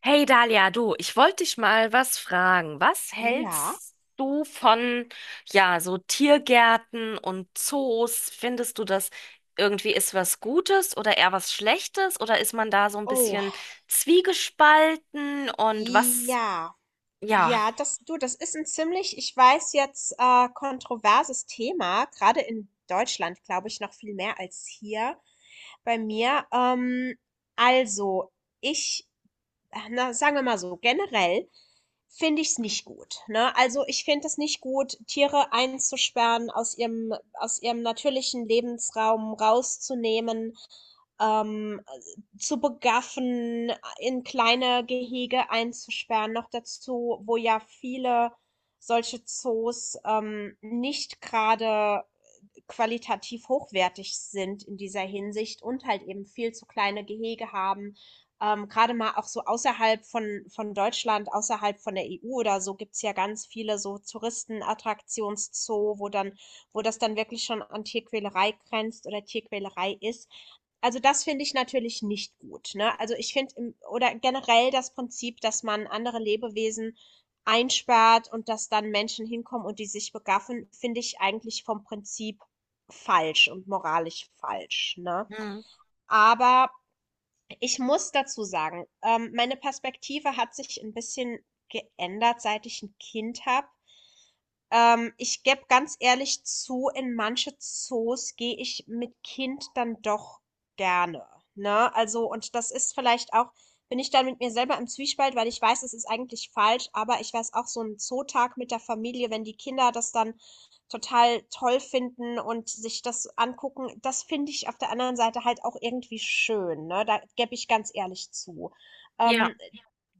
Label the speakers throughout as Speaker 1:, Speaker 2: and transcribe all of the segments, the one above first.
Speaker 1: Hey Dalia, du, ich wollte dich mal was fragen. Was
Speaker 2: Ja.
Speaker 1: hältst du von, ja, so Tiergärten und Zoos? Findest du das irgendwie ist was Gutes oder eher was Schlechtes? Oder ist man da so ein
Speaker 2: Oh,
Speaker 1: bisschen zwiegespalten? Und was,
Speaker 2: ja.
Speaker 1: ja,
Speaker 2: Ja, das, du, das ist ein ziemlich, ich weiß jetzt, kontroverses Thema, gerade in Deutschland, glaube ich, noch viel mehr als hier bei mir. Also, ich, na, sagen wir mal so, generell finde ich es nicht gut, ne? Also, ich finde es nicht gut, Tiere einzusperren, aus ihrem natürlichen Lebensraum rauszunehmen. ähm, zu begaffen, in kleine Gehege einzusperren. Noch dazu, wo ja viele solche Zoos nicht gerade qualitativ hochwertig sind in dieser Hinsicht und halt eben viel zu kleine Gehege haben. Gerade mal auch so außerhalb von Deutschland, außerhalb von der EU oder so, gibt's ja ganz viele so Touristenattraktionszoo, wo das dann wirklich schon an Tierquälerei grenzt oder Tierquälerei ist. Also das finde ich natürlich nicht gut, ne? Also ich finde oder generell das Prinzip, dass man andere Lebewesen einsperrt und dass dann Menschen hinkommen und die sich begaffen, finde ich eigentlich vom Prinzip falsch und moralisch falsch, ne?
Speaker 1: hm,
Speaker 2: Aber ich muss dazu sagen, meine Perspektive hat sich ein bisschen geändert, seit ich ein Kind habe. Ich gebe ganz ehrlich zu, in manche Zoos gehe ich mit Kind dann doch gerne, ne? Also, und das ist vielleicht auch, bin ich dann mit mir selber im Zwiespalt, weil ich weiß, es ist eigentlich falsch, aber ich weiß auch, so ein Zootag mit der Familie, wenn die Kinder das dann total toll finden und sich das angucken, das finde ich auf der anderen Seite halt auch irgendwie schön, ne? Da gebe ich ganz ehrlich zu.
Speaker 1: ja,
Speaker 2: Ähm,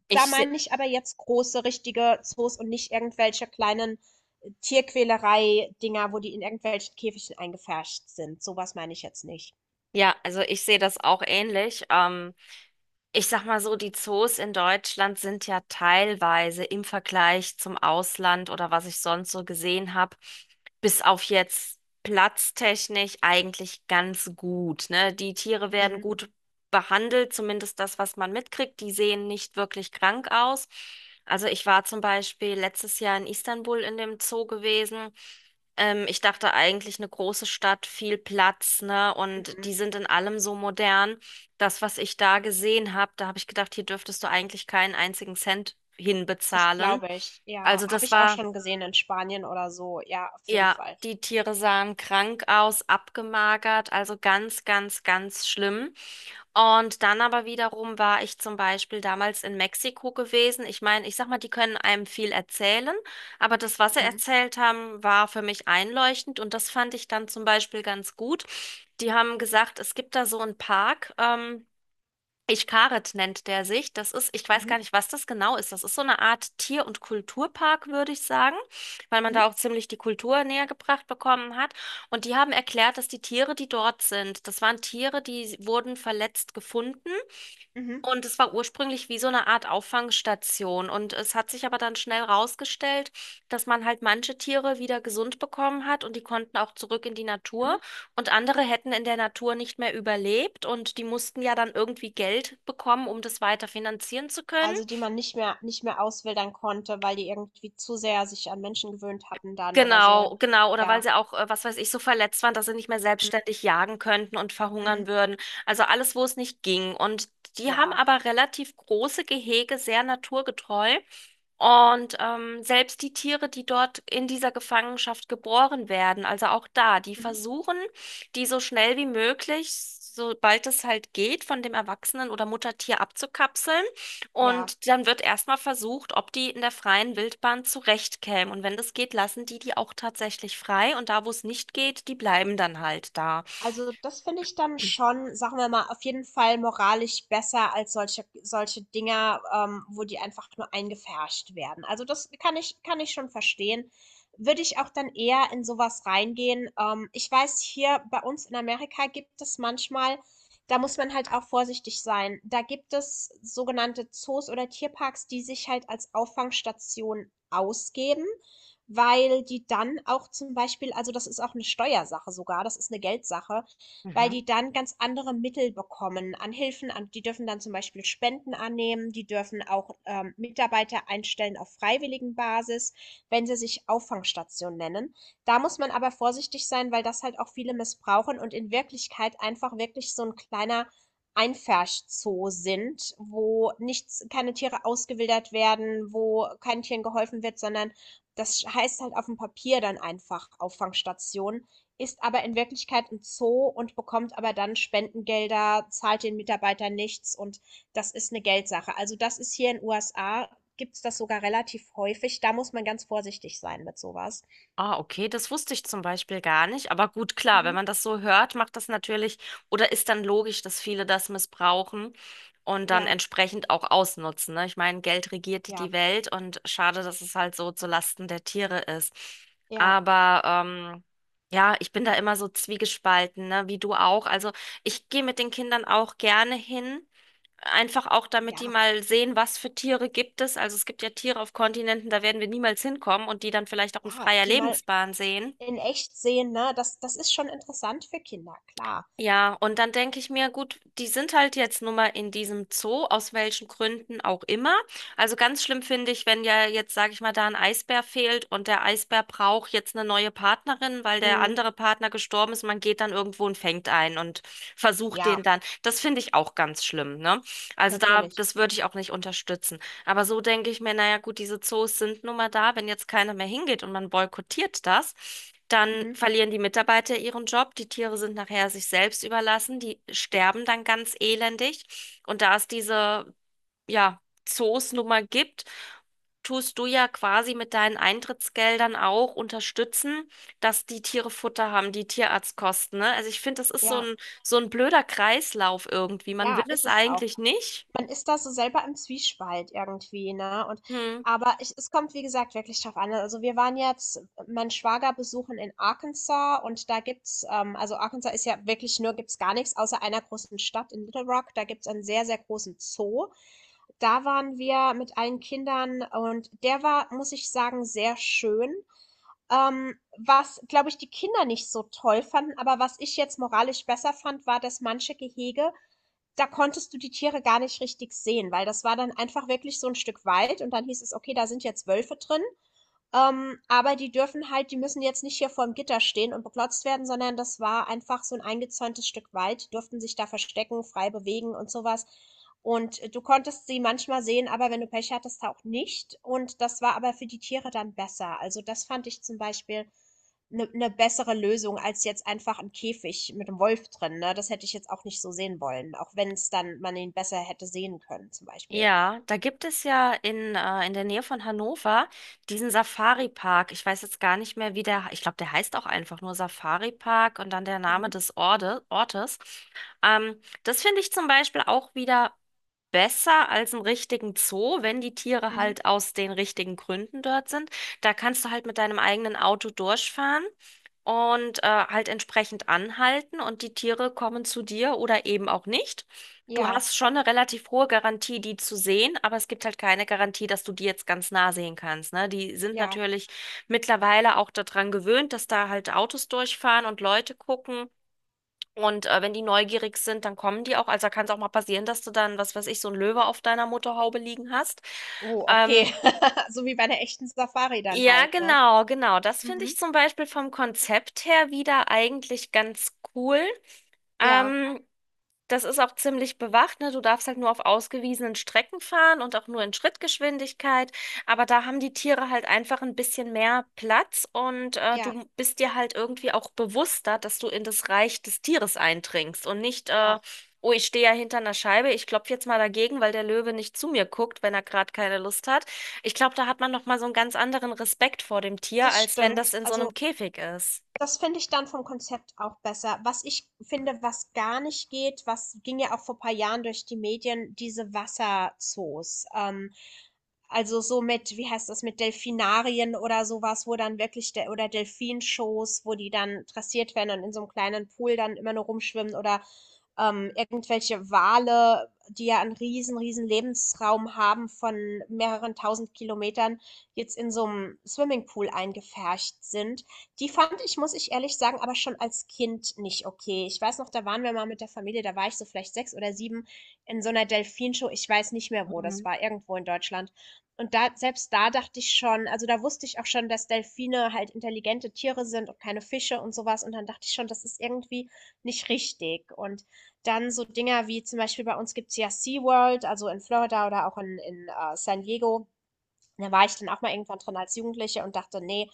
Speaker 1: ich,
Speaker 2: da meine
Speaker 1: se-
Speaker 2: ich aber jetzt große, richtige Zoos und nicht irgendwelche kleinen Tierquälerei-Dinger, wo die in irgendwelchen Käfigchen eingepfercht sind. Sowas meine ich jetzt nicht.
Speaker 1: ja, also ich sehe das auch ähnlich. Ich sag mal so, die Zoos in Deutschland sind ja teilweise im Vergleich zum Ausland oder was ich sonst so gesehen habe, bis auf jetzt platztechnisch eigentlich ganz gut, ne? Die Tiere werden
Speaker 2: Mhm,
Speaker 1: gut behandelt, zumindest das, was man mitkriegt. Die sehen nicht wirklich krank aus. Also ich war zum Beispiel letztes Jahr in Istanbul in dem Zoo gewesen. Ich dachte eigentlich eine große Stadt, viel Platz, ne? Und
Speaker 2: mhm.
Speaker 1: die sind in allem so modern, das, was ich da gesehen habe, da habe ich gedacht, hier dürftest du eigentlich keinen einzigen Cent
Speaker 2: Das
Speaker 1: hinbezahlen.
Speaker 2: glaube ich. Ja,
Speaker 1: Also
Speaker 2: habe
Speaker 1: das
Speaker 2: ich auch
Speaker 1: war,
Speaker 2: schon gesehen in Spanien oder so. Ja, auf jeden
Speaker 1: ja,
Speaker 2: Fall.
Speaker 1: die Tiere sahen krank aus, abgemagert, also ganz, ganz, ganz schlimm. Und dann aber wiederum war ich zum Beispiel damals in Mexiko gewesen. Ich meine, ich sag mal, die können einem viel erzählen, aber das, was sie
Speaker 2: Mhm.
Speaker 1: erzählt haben, war für mich einleuchtend und das fand ich dann zum Beispiel ganz gut. Die haben gesagt, es gibt da so einen Park, Ichkaret nennt der sich. Das ist, ich weiß
Speaker 2: Mhm.
Speaker 1: gar nicht, was das genau ist. Das ist so eine Art Tier- und Kulturpark, würde ich sagen, weil man
Speaker 2: Mhm.
Speaker 1: da auch ziemlich die Kultur näher gebracht bekommen hat. Und die haben erklärt, dass die Tiere, die dort sind, das waren Tiere, die wurden verletzt gefunden
Speaker 2: Mhm.
Speaker 1: und es war ursprünglich wie so eine Art Auffangstation. Und es hat sich aber dann schnell rausgestellt, dass man halt manche Tiere wieder gesund bekommen hat und die konnten auch zurück in die
Speaker 2: Mhm.
Speaker 1: Natur. Und andere hätten in der Natur nicht mehr überlebt und die mussten ja dann irgendwie Geld bekommen, um das weiter finanzieren zu können.
Speaker 2: Also, die man nicht mehr auswildern konnte, weil die irgendwie zu sehr sich an Menschen gewöhnt hatten dann oder so.
Speaker 1: Genau, genau. Oder weil
Speaker 2: Ja.
Speaker 1: sie auch, was weiß ich, so verletzt waren, dass sie nicht mehr
Speaker 2: Mhm.
Speaker 1: selbstständig jagen könnten und
Speaker 2: Mhm.
Speaker 1: verhungern würden. Also alles, wo es nicht ging. Und die haben
Speaker 2: Ja.
Speaker 1: aber relativ große Gehege, sehr naturgetreu. Und selbst die Tiere, die dort in dieser Gefangenschaft geboren werden, also auch da, die
Speaker 2: Mhm.
Speaker 1: versuchen, die so schnell wie möglich, sobald es halt geht, von dem Erwachsenen oder Muttertier abzukapseln.
Speaker 2: Ja.
Speaker 1: Und dann wird erstmal versucht, ob die in der freien Wildbahn zurechtkämen. Und wenn das geht, lassen die die auch tatsächlich frei. Und da, wo es nicht geht, die bleiben dann halt da.
Speaker 2: Also, das finde ich dann schon, sagen wir mal, auf jeden Fall moralisch besser als solche Dinger, wo die einfach nur eingepfercht werden. Also, das kann ich schon verstehen. Würde ich auch dann eher in sowas reingehen. Ich weiß, hier bei uns in Amerika gibt es manchmal da muss man halt auch vorsichtig sein. Da gibt es sogenannte Zoos oder Tierparks, die sich halt als Auffangstation ausgeben, weil die dann auch zum Beispiel, also das ist auch eine Steuersache sogar, das ist eine Geldsache, weil
Speaker 1: Mhm.
Speaker 2: die dann ganz andere Mittel bekommen an Hilfen. An, die dürfen dann zum Beispiel Spenden annehmen, die dürfen auch Mitarbeiter einstellen auf Freiwilligenbasis, wenn sie sich Auffangstation nennen. Da muss man aber vorsichtig sein, weil das halt auch viele missbrauchen und in Wirklichkeit einfach wirklich so ein kleiner Einfärschzoo sind, wo nichts, keine Tiere ausgewildert werden, wo kein Tieren geholfen wird, sondern das heißt halt auf dem Papier dann einfach Auffangstation, ist aber in Wirklichkeit ein Zoo und bekommt aber dann Spendengelder, zahlt den Mitarbeitern nichts und das ist eine Geldsache. Also, das ist hier in USA gibt's das sogar relativ häufig. Da muss man ganz vorsichtig sein mit sowas.
Speaker 1: Ah, okay, das wusste ich zum Beispiel gar nicht. Aber gut, klar, wenn
Speaker 2: Mhm.
Speaker 1: man das so hört, macht das natürlich oder ist dann logisch, dass viele das missbrauchen und dann
Speaker 2: Ja,
Speaker 1: entsprechend auch ausnutzen, ne? Ich meine, Geld regiert die
Speaker 2: ja,
Speaker 1: Welt und schade, dass es halt so zu Lasten der Tiere ist.
Speaker 2: ja,
Speaker 1: Aber ja, ich bin da immer so zwiegespalten, ne? Wie du auch. Also ich gehe mit den Kindern auch gerne hin. Einfach auch, damit die
Speaker 2: ja,
Speaker 1: mal sehen, was für Tiere gibt es. Also es gibt ja Tiere auf Kontinenten, da werden wir niemals hinkommen und die dann vielleicht auch in
Speaker 2: ja,
Speaker 1: freier
Speaker 2: die mal
Speaker 1: Lebensbahn sehen.
Speaker 2: in echt sehen, ne? Das ist schon interessant für Kinder, klar.
Speaker 1: Ja, und dann denke ich mir, gut, die sind halt jetzt nun mal in diesem Zoo, aus welchen Gründen auch immer. Also ganz schlimm finde ich, wenn ja jetzt, sage ich mal, da ein Eisbär fehlt und der Eisbär braucht jetzt eine neue Partnerin, weil der
Speaker 2: Mhm.
Speaker 1: andere Partner gestorben ist. Man geht dann irgendwo und fängt einen und versucht den
Speaker 2: Ja,
Speaker 1: dann. Das finde ich auch ganz schlimm, ne? Also da,
Speaker 2: natürlich.
Speaker 1: das würde ich auch nicht unterstützen. Aber so denke ich mir, naja, gut, diese Zoos sind nun mal da. Wenn jetzt keiner mehr hingeht und man boykottiert das, dann
Speaker 2: Mhm.
Speaker 1: verlieren die Mitarbeiter ihren Job. Die Tiere sind nachher sich selbst überlassen. Die sterben dann ganz elendig. Und da es diese, ja, Zoos nun mal gibt, tust du ja quasi mit deinen Eintrittsgeldern auch unterstützen, dass die Tiere Futter haben, die Tierarztkosten, ne? Also ich finde, das ist
Speaker 2: Ja,
Speaker 1: so ein blöder Kreislauf irgendwie. Man
Speaker 2: ja,
Speaker 1: will
Speaker 2: ist
Speaker 1: es
Speaker 2: es auch.
Speaker 1: eigentlich nicht.
Speaker 2: Man ist da so selber im Zwiespalt irgendwie, ne? Und
Speaker 1: Hm.
Speaker 2: aber ich es kommt, wie gesagt, wirklich drauf an. Also wir waren jetzt mein Schwager besuchen in Arkansas und da gibt's, also Arkansas ist ja wirklich nur, gibt's gar nichts außer einer großen Stadt in Little Rock. Da gibt's einen sehr, sehr großen Zoo. Da waren wir mit allen Kindern und der war, muss ich sagen, sehr schön. Ähm, was, glaube ich, die Kinder nicht so toll fanden, aber was ich jetzt moralisch besser fand, war, dass manche Gehege da konntest du die Tiere gar nicht richtig sehen, weil das war dann einfach wirklich so ein Stück Wald und dann hieß es: „Okay, da sind jetzt Wölfe drin“, aber die dürfen halt die müssen jetzt nicht hier vorm Gitter stehen und beklotzt werden, sondern das war einfach so ein eingezäuntes Stück Wald. Die durften sich da verstecken, frei bewegen und sowas. Was. Und du konntest sie manchmal sehen, aber wenn du Pech hattest, auch nicht. Und das war aber für die Tiere dann besser. Also, das fand ich zum Beispiel eine 'ne bessere Lösung als jetzt einfach 'n Käfig mit 'nem Wolf drin, ne? Das hätte ich jetzt auch nicht so sehen wollen, auch wenn es dann man ihn besser hätte sehen können zum Beispiel.
Speaker 1: Ja, da gibt es ja in der Nähe von Hannover diesen Safari-Park. Ich weiß jetzt gar nicht mehr, wie der, ich glaube, der heißt auch einfach nur Safari-Park und dann der Name
Speaker 2: Mhm,
Speaker 1: des Ortes. Ähm, Das finde ich zum Beispiel auch wieder besser als einen richtigen Zoo, wenn die Tiere
Speaker 2: mhm.
Speaker 1: halt aus den richtigen Gründen dort sind. Da kannst du halt mit deinem eigenen Auto durchfahren und halt entsprechend anhalten und die Tiere kommen zu dir oder eben auch nicht. Du
Speaker 2: Ja,
Speaker 1: hast schon eine relativ hohe Garantie, die zu sehen, aber es gibt halt keine Garantie, dass du die jetzt ganz nah sehen kannst, ne? Die sind
Speaker 2: ja.
Speaker 1: natürlich mittlerweile auch daran gewöhnt, dass da halt Autos durchfahren und Leute gucken. Und wenn die neugierig sind, dann kommen die auch. Also da kann es auch mal passieren, dass du dann, was weiß ich, so ein Löwe auf deiner Motorhaube liegen hast.
Speaker 2: Oh,
Speaker 1: Ähm,
Speaker 2: okay. So wie bei 'ner echten Safari dann
Speaker 1: ja,
Speaker 2: halt, ne?
Speaker 1: genau, genau. Das finde ich
Speaker 2: Mhm.
Speaker 1: zum Beispiel vom Konzept her wieder eigentlich ganz cool.
Speaker 2: Ja,
Speaker 1: Ähm, das ist auch ziemlich bewacht, ne? Du darfst halt nur auf ausgewiesenen Strecken fahren und auch nur in Schrittgeschwindigkeit. Aber da haben die Tiere halt einfach ein bisschen mehr Platz und
Speaker 2: ja,
Speaker 1: du bist dir halt irgendwie auch bewusster, dass du in das Reich des Tieres eindringst und nicht,
Speaker 2: ja,
Speaker 1: oh, ich stehe ja hinter einer Scheibe, ich klopfe jetzt mal dagegen, weil der Löwe nicht zu mir guckt, wenn er gerade keine Lust hat. Ich glaube, da hat man noch mal so einen ganz anderen Respekt vor dem Tier,
Speaker 2: das
Speaker 1: als wenn das
Speaker 2: stimmt.
Speaker 1: in so
Speaker 2: Also,
Speaker 1: einem Käfig ist.
Speaker 2: das finde ich dann vom Konzept auch besser. Was ich finde, was gar nicht geht, was ging ja auch vor ein paar Jahren durch die Medien, diese Wasserzoos. Also, so mit wie heißt das, mit Delfinarien oder sowas, wo dann wirklich der oder Delfinshows, wo die dann dressiert werden und in so einem kleinen Pool dann immer nur rumschwimmen oder irgendwelche Wale, die ja einen riesen Lebensraum haben von mehreren tausend Kilometern, jetzt in so einem Swimmingpool eingepfercht sind. Die fand ich, muss ich ehrlich sagen, aber schon als Kind nicht okay. Ich weiß noch, da waren wir mal mit der Familie, da war ich so vielleicht 6 oder 7, in so einer Delfinshow. Ich weiß nicht mehr, wo das
Speaker 1: Mhm.
Speaker 2: war, irgendwo in Deutschland. Und da, selbst da dachte ich schon, also da wusste ich auch schon, dass Delfine halt intelligente Tiere sind und keine Fische und sowas. Und dann dachte ich schon, das ist irgendwie nicht richtig. Und dann so Dinger wie zum Beispiel bei uns gibt's ja SeaWorld, also in Florida oder auch in San Diego. Da war ich dann auch mal irgendwann drin als Jugendliche und dachte: „Nee,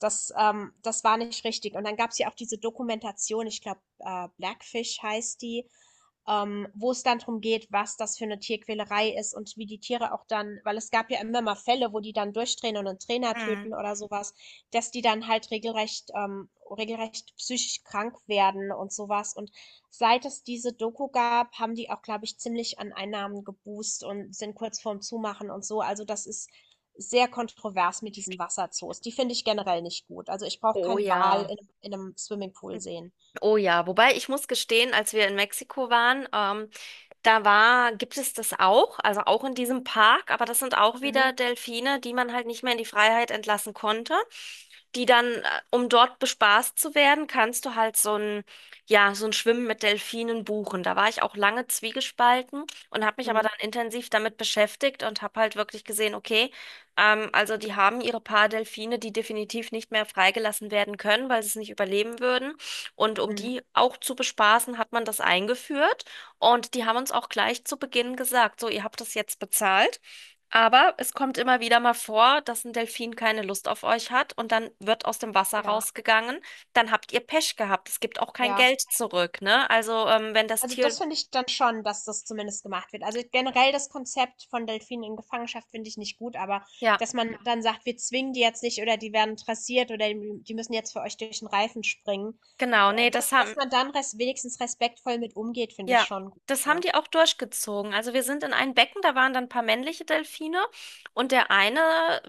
Speaker 2: das war nicht richtig.“ Und dann gab's ja auch diese Dokumentation, ich glaube, Blackfish heißt die, wo es dann darum geht, was das für eine Tierquälerei ist und wie die Tiere auch dann, weil es gab ja immer mal Fälle, wo die dann durchdrehen und einen Trainer
Speaker 1: Mhm.
Speaker 2: töten oder sowas, dass die dann halt regelrecht, regelrecht psychisch krank werden und sowas. Und seit es diese Doku gab, haben die auch, glaube ich, ziemlich an Einnahmen geboost und sind kurz vorm Zumachen und so. Also das ist sehr kontrovers mit diesen Wasserzoos. Die finde ich generell nicht gut. Also ich brauche
Speaker 1: Oh
Speaker 2: keinen Wal
Speaker 1: ja.
Speaker 2: in einem Swimmingpool sehen.
Speaker 1: Oh ja, wobei ich muss gestehen, als wir in Mexiko waren, da war, gibt es das auch, also auch in diesem Park, aber das sind auch
Speaker 2: Mhm.
Speaker 1: wieder Delfine, die man halt nicht mehr in die Freiheit entlassen konnte. Die dann, um dort bespaßt zu werden, kannst du halt so ein, ja, so ein Schwimmen mit Delfinen buchen. Da war ich auch lange zwiegespalten und habe mich aber
Speaker 2: Mhm.
Speaker 1: dann intensiv damit beschäftigt und habe halt wirklich gesehen, okay, also die haben ihre paar Delfine, die definitiv nicht mehr freigelassen werden können, weil sie es nicht überleben würden. Und um
Speaker 2: Mhm.
Speaker 1: die auch zu bespaßen, hat man das eingeführt. Und die haben uns auch gleich zu Beginn gesagt, so, ihr habt das jetzt bezahlt, aber es kommt immer wieder mal vor, dass ein Delfin keine Lust auf euch hat und dann wird aus dem Wasser
Speaker 2: Ja,
Speaker 1: rausgegangen, dann habt ihr Pech gehabt. Es gibt auch kein
Speaker 2: ja.
Speaker 1: Geld zurück, ne? Also, wenn das
Speaker 2: Also,
Speaker 1: Tier,
Speaker 2: das finde ich dann schon, dass das zumindest gemacht wird. Also, generell das Konzept von Delfinen in Gefangenschaft finde ich nicht gut, aber
Speaker 1: ja,
Speaker 2: dass man Ja. dann sagt, wir zwingen die jetzt nicht oder die werden dressiert oder die müssen jetzt für euch durch den Reifen springen.
Speaker 1: genau,
Speaker 2: Ja.
Speaker 1: nee, das
Speaker 2: dass
Speaker 1: haben,
Speaker 2: man dann res wenigstens respektvoll mit umgeht, finde ich
Speaker 1: ja,
Speaker 2: schon gut,
Speaker 1: das haben
Speaker 2: ne?
Speaker 1: die auch durchgezogen. Also wir sind in ein Becken, da waren dann ein paar männliche Delfine und der eine,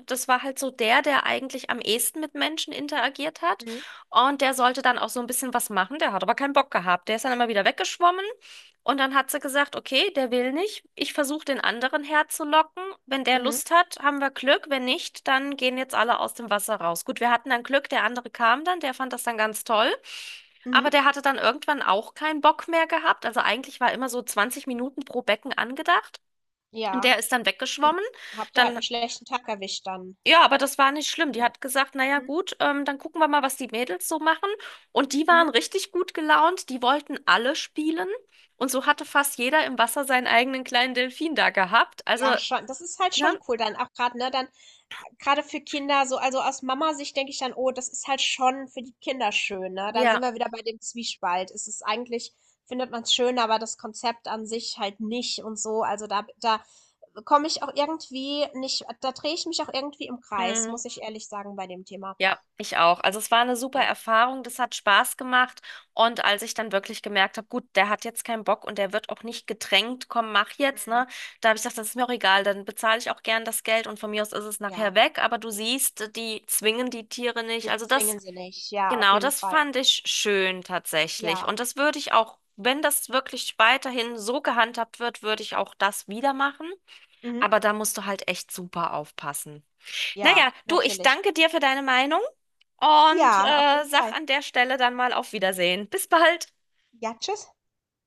Speaker 1: das war halt so der, der eigentlich am ehesten mit Menschen interagiert hat
Speaker 2: Mhm,
Speaker 1: und der sollte dann auch so ein bisschen was machen, der hat aber keinen Bock gehabt. Der ist dann immer wieder weggeschwommen und dann hat sie gesagt, okay, der will nicht, ich versuche den anderen herzulocken. Wenn der
Speaker 2: mhm,
Speaker 1: Lust hat, haben wir Glück, wenn nicht, dann gehen jetzt alle aus dem Wasser raus. Gut, wir hatten dann Glück, der andere kam dann, der fand das dann ganz toll. Aber
Speaker 2: mhm.
Speaker 1: der hatte dann irgendwann auch keinen Bock mehr gehabt. Also eigentlich war immer so 20 Minuten pro Becken angedacht. Und
Speaker 2: Ja,
Speaker 1: der ist dann
Speaker 2: und
Speaker 1: weggeschwommen.
Speaker 2: habt ihr halt
Speaker 1: Dann,
Speaker 2: einen schlechten Tag erwischt dann.
Speaker 1: ja, aber das war nicht schlimm. Die
Speaker 2: Ja.
Speaker 1: hat gesagt, naja,
Speaker 2: Mhm,
Speaker 1: gut, dann gucken wir mal, was die Mädels so machen. Und die waren
Speaker 2: mhm.
Speaker 1: richtig gut gelaunt. Die wollten alle spielen. Und so hatte fast jeder im Wasser seinen eigenen kleinen Delfin da gehabt. Also,
Speaker 2: Ja, schon. Das ist halt schon
Speaker 1: ne?
Speaker 2: cool dann auch gerade ne, dann gerade für Kinder so also aus Mama-Sicht denke ich dann: „Oh, das ist halt schon für die Kinder schön“, ne? Da sind
Speaker 1: Ja.
Speaker 2: wir wieder bei dem Zwiespalt. Es ist eigentlich findet man es schön, aber das Konzept an sich halt nicht und so. Also, da komme ich auch irgendwie nicht da drehe ich mich auch irgendwie im Kreis,
Speaker 1: Mm.
Speaker 2: muss ich ehrlich sagen, bei dem Thema.
Speaker 1: Ja, ich auch. Also es war eine super
Speaker 2: Ja.
Speaker 1: Erfahrung, das hat Spaß gemacht. Und als ich dann wirklich gemerkt habe, gut, der hat jetzt keinen Bock und der wird auch nicht gedrängt, komm, mach jetzt,
Speaker 2: Mhm.
Speaker 1: ne? Da habe ich gesagt, das ist mir auch egal, dann bezahle ich auch gern das Geld und von mir aus ist es
Speaker 2: Ja,
Speaker 1: nachher weg. Aber du siehst, die zwingen die Tiere nicht.
Speaker 2: sie
Speaker 1: Also das,
Speaker 2: zwingen sie nicht. Ja, auf
Speaker 1: genau,
Speaker 2: jeden
Speaker 1: das
Speaker 2: Fall.
Speaker 1: fand ich schön tatsächlich.
Speaker 2: Ja.
Speaker 1: Und das würde ich auch, wenn das wirklich weiterhin so gehandhabt wird, würde ich auch das wieder machen.
Speaker 2: Mhm.
Speaker 1: Aber da musst du halt echt super aufpassen.
Speaker 2: Ja,
Speaker 1: Naja, du, ich
Speaker 2: natürlich.
Speaker 1: danke dir für deine Meinung und
Speaker 2: Ja, auf jeden
Speaker 1: sag
Speaker 2: Fall.
Speaker 1: an der Stelle dann mal auf Wiedersehen. Bis bald.
Speaker 2: Ja, tschüss.